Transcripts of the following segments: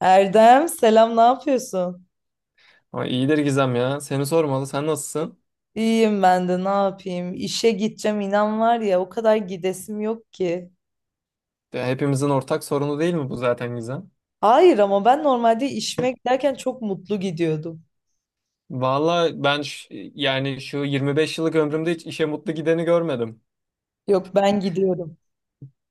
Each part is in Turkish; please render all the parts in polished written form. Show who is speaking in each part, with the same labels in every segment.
Speaker 1: Erdem selam, ne yapıyorsun?
Speaker 2: Ama iyidir Gizem ya. Seni sormalı. Sen nasılsın?
Speaker 1: İyiyim, ben de ne yapayım? İşe gideceğim, inan var ya, o kadar gidesim yok ki.
Speaker 2: Ya hepimizin ortak sorunu değil mi bu zaten Gizem?
Speaker 1: Hayır, ama ben normalde işime giderken çok mutlu gidiyordum.
Speaker 2: Vallahi ben şu 25 yıllık ömrümde hiç işe mutlu gideni görmedim.
Speaker 1: Yok, ben gidiyorum.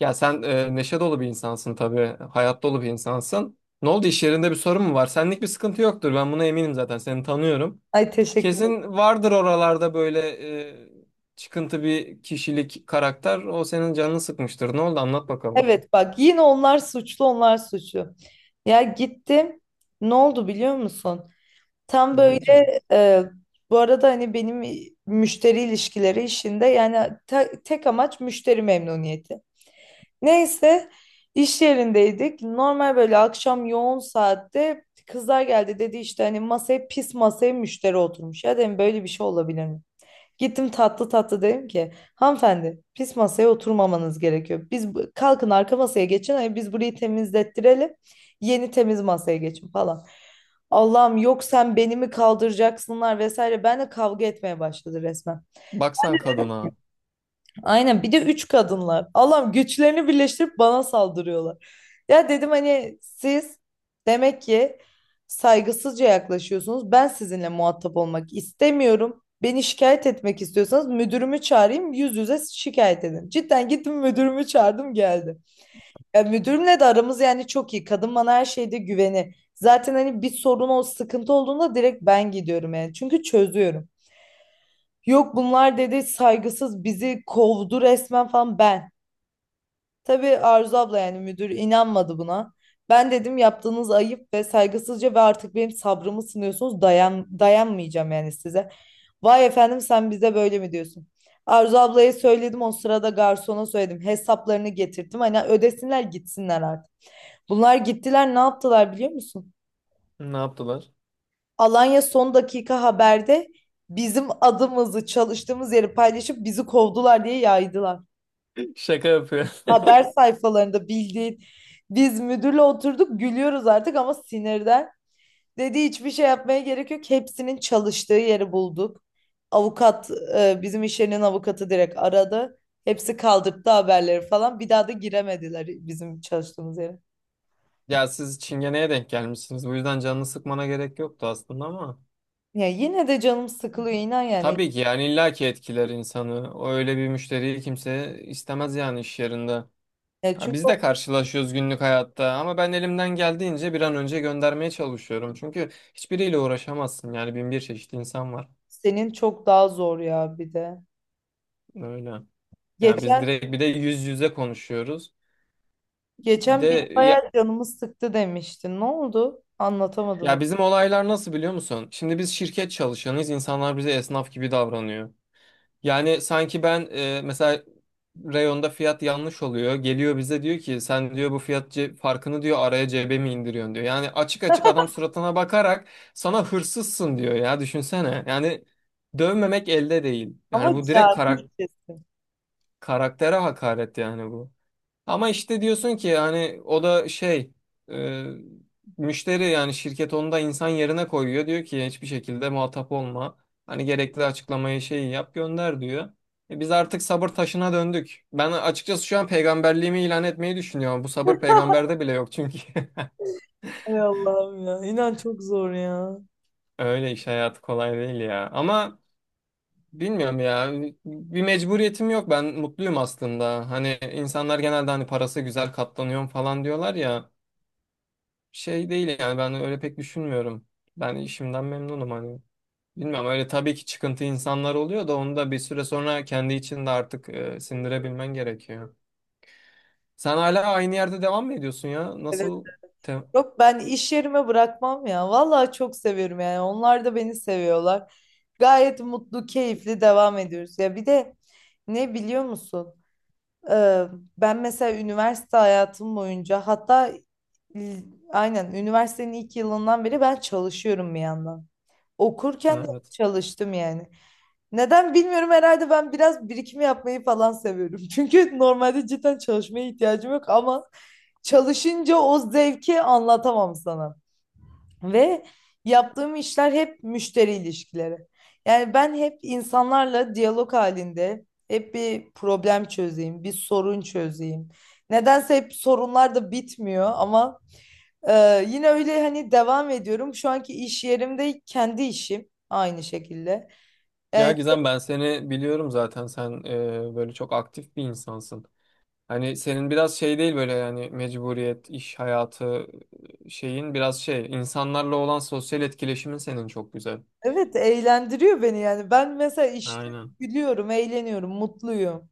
Speaker 2: Ya sen neşe dolu bir insansın tabii. Hayat dolu bir insansın. Ne oldu, iş yerinde bir sorun mu var? Senlik bir sıkıntı yoktur. Ben buna eminim zaten. Seni tanıyorum.
Speaker 1: Ay, teşekkür ederim.
Speaker 2: Kesin vardır oralarda böyle e, çıkıntı bir kişilik karakter. O senin canını sıkmıştır. Ne oldu? Anlat bakalım.
Speaker 1: Evet bak, yine onlar suçlu, onlar suçlu. Ya gittim, ne oldu biliyor musun? Tam
Speaker 2: Ne olacak?
Speaker 1: böyle, e, bu arada hani benim müşteri ilişkileri işinde yani tek amaç müşteri memnuniyeti. Neyse, iş yerindeydik. Normal böyle akşam yoğun saatte kızlar geldi, dedi işte hani masaya, pis masaya müşteri oturmuş. Ya dedim, böyle bir şey olabilir mi? Gittim tatlı tatlı dedim ki, hanımefendi pis masaya oturmamanız gerekiyor. Biz kalkın arka masaya geçin, hani biz burayı temizlettirelim, yeni temiz masaya geçin falan. Allah'ım, yok sen beni mi kaldıracaksınlar vesaire. Benle kavga etmeye başladı resmen.
Speaker 2: Baksan kadına.
Speaker 1: Aynen, bir de üç kadınlar. Allah'ım, güçlerini birleştirip bana saldırıyorlar. Ya dedim hani siz demek ki saygısızca yaklaşıyorsunuz. Ben sizinle muhatap olmak istemiyorum. Beni şikayet etmek istiyorsanız müdürümü çağırayım, yüz yüze şikayet edin. Cidden gittim, müdürümü çağırdım, geldi. Ya müdürümle de aramız yani çok iyi. Kadın bana her şeyde güveni. Zaten hani bir sorun, o sıkıntı olduğunda direkt ben gidiyorum yani. Çünkü çözüyorum. Yok, bunlar dedi saygısız, bizi kovdu resmen falan ben. Tabii Arzu abla yani müdür inanmadı buna. Ben dedim, yaptığınız ayıp ve saygısızca, ve artık benim sabrımı sınıyorsunuz. Dayan, dayanmayacağım yani size. Vay efendim, sen bize böyle mi diyorsun? Arzu ablaya söyledim, o sırada garsona söyledim. Hesaplarını getirdim. Hani ödesinler, gitsinler artık. Bunlar gittiler, ne yaptılar biliyor musun?
Speaker 2: Ne yaptılar?
Speaker 1: Alanya son dakika haberde bizim adımızı, çalıştığımız yeri paylaşıp bizi kovdular diye yaydılar.
Speaker 2: Şaka yapıyor.
Speaker 1: Haber sayfalarında bildiğin. Biz müdürle oturduk, gülüyoruz artık ama sinirden. Dedi, hiçbir şey yapmaya gerek yok. Hepsinin çalıştığı yeri bulduk. Avukat, bizim iş yerinin avukatı direkt aradı. Hepsi kaldırdı haberleri falan. Bir daha da giremediler bizim çalıştığımız yere.
Speaker 2: Ya siz çingeneye denk gelmişsiniz. Bu yüzden canını sıkmana gerek yoktu aslında ama.
Speaker 1: Ya yine de canım sıkılıyor, inan yani.
Speaker 2: Tabii ki, yani illaki etkiler insanı. O Öyle bir müşteriyi kimse istemez yani iş yerinde.
Speaker 1: Ya
Speaker 2: Ya
Speaker 1: çünkü
Speaker 2: biz de
Speaker 1: o,
Speaker 2: karşılaşıyoruz günlük hayatta ama ben elimden geldiğince bir an önce göndermeye çalışıyorum. Çünkü hiçbiriyle uğraşamazsın, yani bin bir çeşit insan var.
Speaker 1: senin çok daha zor ya bir de.
Speaker 2: Öyle. Ya biz
Speaker 1: Geçen
Speaker 2: direkt bir de yüz yüze konuşuyoruz. Bir de
Speaker 1: geçen bir
Speaker 2: ya,
Speaker 1: bayağı canımı sıktı demiştin. Ne oldu? Anlatamadın onu.
Speaker 2: ya, bizim olaylar nasıl biliyor musun? Şimdi biz şirket çalışanıyız. İnsanlar bize esnaf gibi davranıyor. Yani sanki ben mesela reyonda fiyat yanlış oluyor. Geliyor bize diyor ki, sen diyor bu farkını diyor araya cebe mi indiriyorsun diyor. Yani açık açık adam suratına bakarak sana hırsızsın diyor ya, düşünsene. Yani dövmemek elde değil.
Speaker 1: Ama
Speaker 2: Yani bu direkt
Speaker 1: cahilce.
Speaker 2: karaktere hakaret yani bu. Ama işte diyorsun ki hani o da şey e, müşteri, yani şirket onu da insan yerine koyuyor. Diyor ki hiçbir şekilde muhatap olma. Hani gerekli açıklamayı şeyi yap gönder diyor. E biz artık sabır taşına döndük. Ben açıkçası şu an peygamberliğimi ilan etmeyi düşünüyorum. Bu sabır peygamberde bile yok çünkü.
Speaker 1: Ay Allah'ım ya. İnan çok zor ya.
Speaker 2: Öyle, iş hayatı kolay değil ya. Ama bilmiyorum ya. Bir mecburiyetim yok. Ben mutluyum aslında. Hani insanlar genelde hani parası güzel katlanıyorum falan diyorlar ya. Şey değil yani, ben öyle pek düşünmüyorum. Ben işimden memnunum hani. Bilmiyorum, öyle tabii ki çıkıntı insanlar oluyor da onu da bir süre sonra kendi içinde artık sindirebilmen gerekiyor. Sen hala aynı yerde devam mı ediyorsun ya?
Speaker 1: Evet.
Speaker 2: Nasıl? te-
Speaker 1: Yok, ben iş yerime bırakmam ya. Vallahi çok seviyorum yani. Onlar da beni seviyorlar. Gayet mutlu, keyifli devam ediyoruz. Ya bir de ne biliyor musun? Ee, ben mesela üniversite hayatım boyunca, hatta l- aynen üniversitenin ilk yılından beri ben çalışıyorum bir yandan. Okurken de
Speaker 2: Evet.
Speaker 1: çalıştım yani. Neden bilmiyorum, herhalde ben biraz birikim yapmayı falan seviyorum. Çünkü normalde cidden çalışmaya ihtiyacım yok ama çalışınca o zevki anlatamam sana. Ve yaptığım işler hep müşteri ilişkileri. Yani ben hep insanlarla diyalog halinde, hep bir problem çözeyim, bir sorun çözeyim. Nedense hep sorunlar da bitmiyor ama yine öyle hani devam ediyorum. Şu anki iş yerimde kendi işim aynı şekilde.
Speaker 2: Ya
Speaker 1: Yani
Speaker 2: Gizem ben seni biliyorum zaten, sen böyle çok aktif bir insansın. Hani senin biraz şey değil böyle yani mecburiyet, iş hayatı şeyin biraz şey, insanlarla olan sosyal etkileşimin senin çok güzel.
Speaker 1: evet, eğlendiriyor beni yani. Ben mesela işte
Speaker 2: Aynen.
Speaker 1: gülüyorum, eğleniyorum, mutluyum.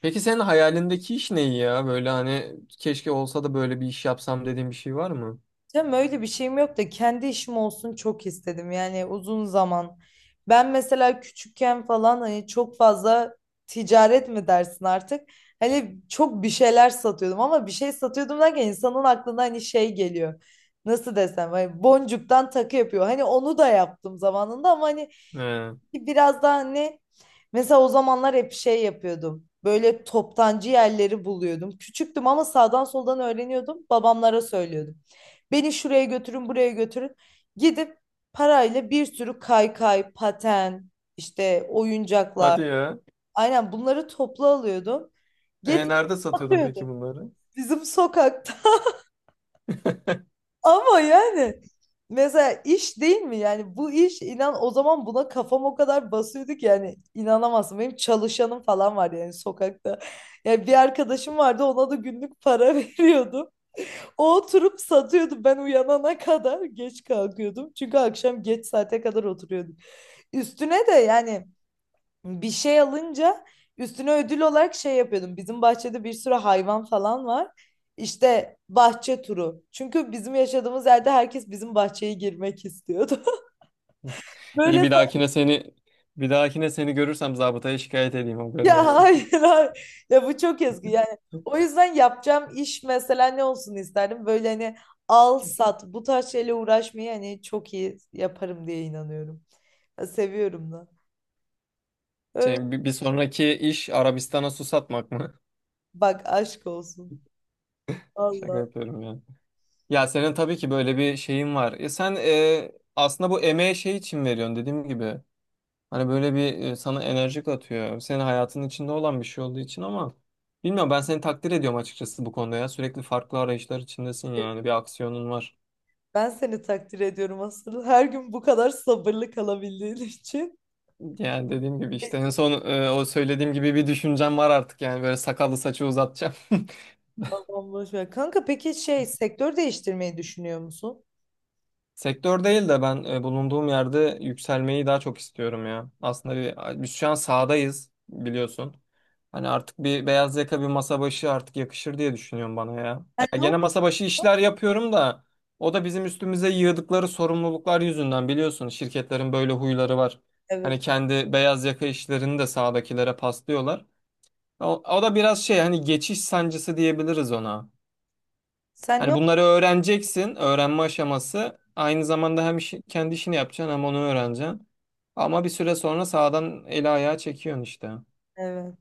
Speaker 2: Peki senin hayalindeki iş ne ya? Böyle hani keşke olsa da böyle bir iş yapsam dediğin bir şey var mı?
Speaker 1: Tam öyle bir şeyim yok da kendi işim olsun çok istedim yani uzun zaman. Ben mesela küçükken falan hani çok fazla ticaret mi dersin artık? Hani çok bir şeyler satıyordum ama bir şey satıyordum derken insanın aklına hani şey geliyor. Nasıl desem, hani boncuktan takı yapıyor. Hani onu da yaptım zamanında ama hani
Speaker 2: He.
Speaker 1: biraz daha hani, mesela o zamanlar hep şey yapıyordum. Böyle toptancı yerleri buluyordum. Küçüktüm ama sağdan soldan öğreniyordum. Babamlara söylüyordum. Beni şuraya götürün, buraya götürün. Gidip parayla bir sürü kaykay, paten, işte oyuncaklar.
Speaker 2: Hadi ya.
Speaker 1: Aynen, bunları toplu alıyordum.
Speaker 2: E,
Speaker 1: Getirip
Speaker 2: nerede satıyordun peki
Speaker 1: satıyordum
Speaker 2: bunları?
Speaker 1: bizim sokakta. Ama yani mesela iş değil mi? Yani bu iş, inan o zaman buna kafam o kadar basıyordu ki yani inanamazsın. Benim çalışanım falan var yani sokakta. Yani bir arkadaşım vardı, ona da günlük para veriyordum. O oturup satıyordu, ben uyanana kadar geç kalkıyordum. Çünkü akşam geç saate kadar oturuyordum. Üstüne de yani bir şey alınca üstüne ödül olarak şey yapıyordum. Bizim bahçede bir sürü hayvan falan var. İşte bahçe turu. Çünkü bizim yaşadığımız yerde herkes bizim bahçeye girmek istiyordu.
Speaker 2: İyi,
Speaker 1: Böyle.
Speaker 2: bir dahakine seni bir dahakine seni görürsem zabıtaya şikayet edeyim, haberin
Speaker 1: Ya
Speaker 2: olsun.
Speaker 1: hayır, hayır. Ya bu çok yazgı. Yani o yüzden yapacağım iş mesela ne olsun isterdim. Böyle hani al sat, bu tarz şeyle uğraşmayı hani çok iyi yaparım diye inanıyorum. Ya seviyorum da. Öyle.
Speaker 2: Şey, bir sonraki iş Arabistan'a su satmak mı?
Speaker 1: Bak aşk olsun.
Speaker 2: Şaka
Speaker 1: Valla.
Speaker 2: yapıyorum ya. Ya senin tabii ki böyle bir şeyin var. E sen aslında bu emeğe şey için veriyorsun dediğim gibi. Hani böyle bir sana enerji katıyor. Senin hayatının içinde olan bir şey olduğu için ama bilmiyorum, ben seni takdir ediyorum açıkçası bu konuda ya. Sürekli farklı arayışlar içindesin, yani bir aksiyonun var.
Speaker 1: Ben seni takdir ediyorum asıl. Her gün bu kadar sabırlı kalabildiğin için.
Speaker 2: Yani dediğim gibi işte en son o söylediğim gibi bir düşüncem var artık, yani böyle sakallı saçı uzatacağım.
Speaker 1: Tamam, boş ver. Kanka peki şey, sektör değiştirmeyi düşünüyor musun?
Speaker 2: Sektör değil de ben bulunduğum yerde yükselmeyi daha çok istiyorum ya. Aslında biz şu an sahadayız biliyorsun. Hani artık bir beyaz yaka, bir masa başı artık yakışır diye düşünüyorum bana ya.
Speaker 1: Sen
Speaker 2: Ya
Speaker 1: ne
Speaker 2: gene
Speaker 1: ok-
Speaker 2: masa başı işler yapıyorum da o da bizim üstümüze yığdıkları sorumluluklar yüzünden, biliyorsun şirketlerin böyle huyları var.
Speaker 1: Evet.
Speaker 2: Hani kendi beyaz yaka işlerini de sahadakilere paslıyorlar. O da biraz şey, hani geçiş sancısı diyebiliriz ona.
Speaker 1: Sen ne
Speaker 2: Hani bunları
Speaker 1: ok-
Speaker 2: öğreneceksin. Öğrenme aşaması. Aynı zamanda hem kendi işini yapacaksın hem onu öğreneceksin. Ama bir süre sonra sağdan eli ayağı çekiyorsun işte.
Speaker 1: Evet.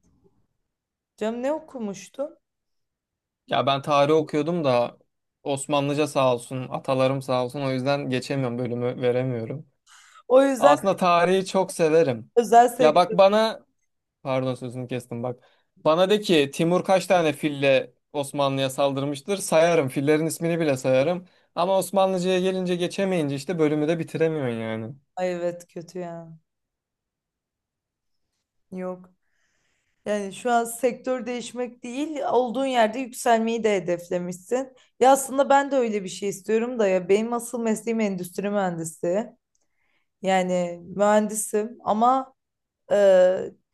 Speaker 1: Canım, ne okumuştun?
Speaker 2: Ya ben tarih okuyordum da Osmanlıca sağ olsun, atalarım sağ olsun. O yüzden geçemiyorum, bölümü veremiyorum.
Speaker 1: O yüzden
Speaker 2: Aslında tarihi çok severim.
Speaker 1: özel
Speaker 2: Ya bak
Speaker 1: sektör.
Speaker 2: bana, pardon sözünü kestim bak. Bana de ki Timur kaç tane fille Osmanlı'ya saldırmıştır? Sayarım. Fillerin ismini bile sayarım. Ama Osmanlıca'ya gelince, geçemeyince işte bölümü de bitiremiyorsun yani.
Speaker 1: Ay evet, kötü ya. Yok. Yani şu an sektör değişmek değil, olduğun yerde yükselmeyi de hedeflemişsin. Ya aslında ben de öyle bir şey istiyorum da, ya benim asıl mesleğim endüstri mühendisi. Yani mühendisim ama e,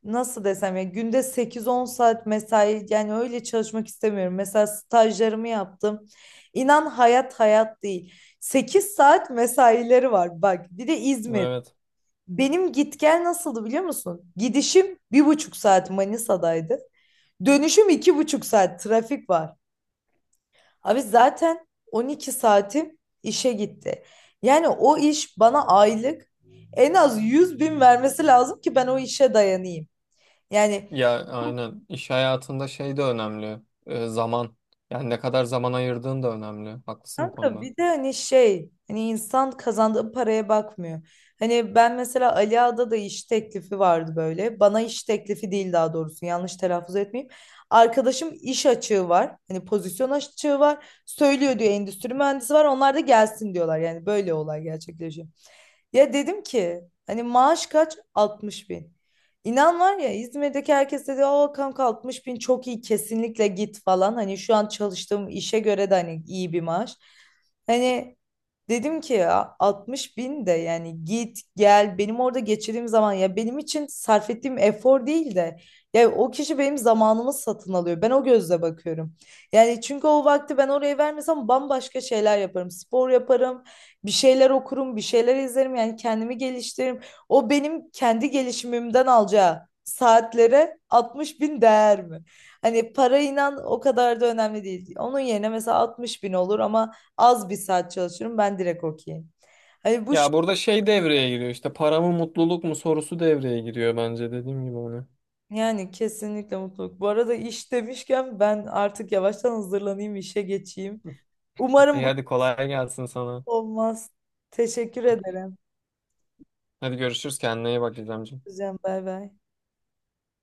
Speaker 1: nasıl desem, ya günde sekiz on saat mesai, yani öyle çalışmak istemiyorum. Mesela stajlarımı yaptım. İnan hayat hayat değil. 8 saat mesaileri var bak. Bir de İzmir.
Speaker 2: Evet.
Speaker 1: Benim git gel nasıldı biliyor musun? Gidişim 1,5 saat Manisa'daydı. Dönüşüm 2,5 saat, trafik var. Abi zaten 12 saatim işe gitti. Yani o iş bana aylık en az 100 bin vermesi lazım ki ben o işe dayanayım. Yani
Speaker 2: Ya aynen. İş hayatında şey de önemli. Zaman. Yani ne kadar zaman ayırdığın da önemli. Haklısın bu
Speaker 1: Kanka,
Speaker 2: konuda.
Speaker 1: bir de hani şey, hani insan kazandığı paraya bakmıyor. Hani ben mesela Ali Ağa'da da iş teklifi vardı böyle. Bana iş teklifi değil, daha doğrusu yanlış telaffuz etmeyeyim. Arkadaşım iş açığı var. Hani pozisyon açığı var. Söylüyor diyor endüstri mühendisi var. Onlar da gelsin diyorlar. Yani böyle olay gerçekleşiyor. Ya dedim ki hani maaş kaç? 60 bin. İnan var ya, İzmir'deki herkes dedi o kanka 60 bin çok iyi, kesinlikle git falan. Hani şu an çalıştığım işe göre de hani iyi bir maaş. Hani dedim ki, ya 60 bin de yani, git gel benim orada geçirdiğim zaman, ya benim için sarf ettiğim efor değil de, ya o kişi benim zamanımı satın alıyor. Ben o gözle bakıyorum. Yani çünkü o vakti ben oraya vermesem bambaşka şeyler yaparım. Spor yaparım, bir şeyler okurum, bir şeyler izlerim, yani kendimi geliştiririm. O benim kendi gelişimimden alacağı saatlere 60 bin değer mi? Hani para, inan, o kadar da önemli değil. Onun yerine mesela 60 bin olur ama az bir saat çalışırım, ben direkt okeyim. Hani bu şey-
Speaker 2: Ya burada şey devreye giriyor işte, para mı mutluluk mu sorusu devreye giriyor bence, dediğim gibi onu.
Speaker 1: Yani kesinlikle mutluluk. Bu arada iş demişken, ben artık yavaştan hazırlanayım, işe geçeyim. Umarım
Speaker 2: İyi,
Speaker 1: bu
Speaker 2: hadi kolay gelsin sana.
Speaker 1: olmaz. Teşekkür ederim.
Speaker 2: Hadi görüşürüz, kendine iyi bak İzlemciğim.
Speaker 1: Hocam, bay bay.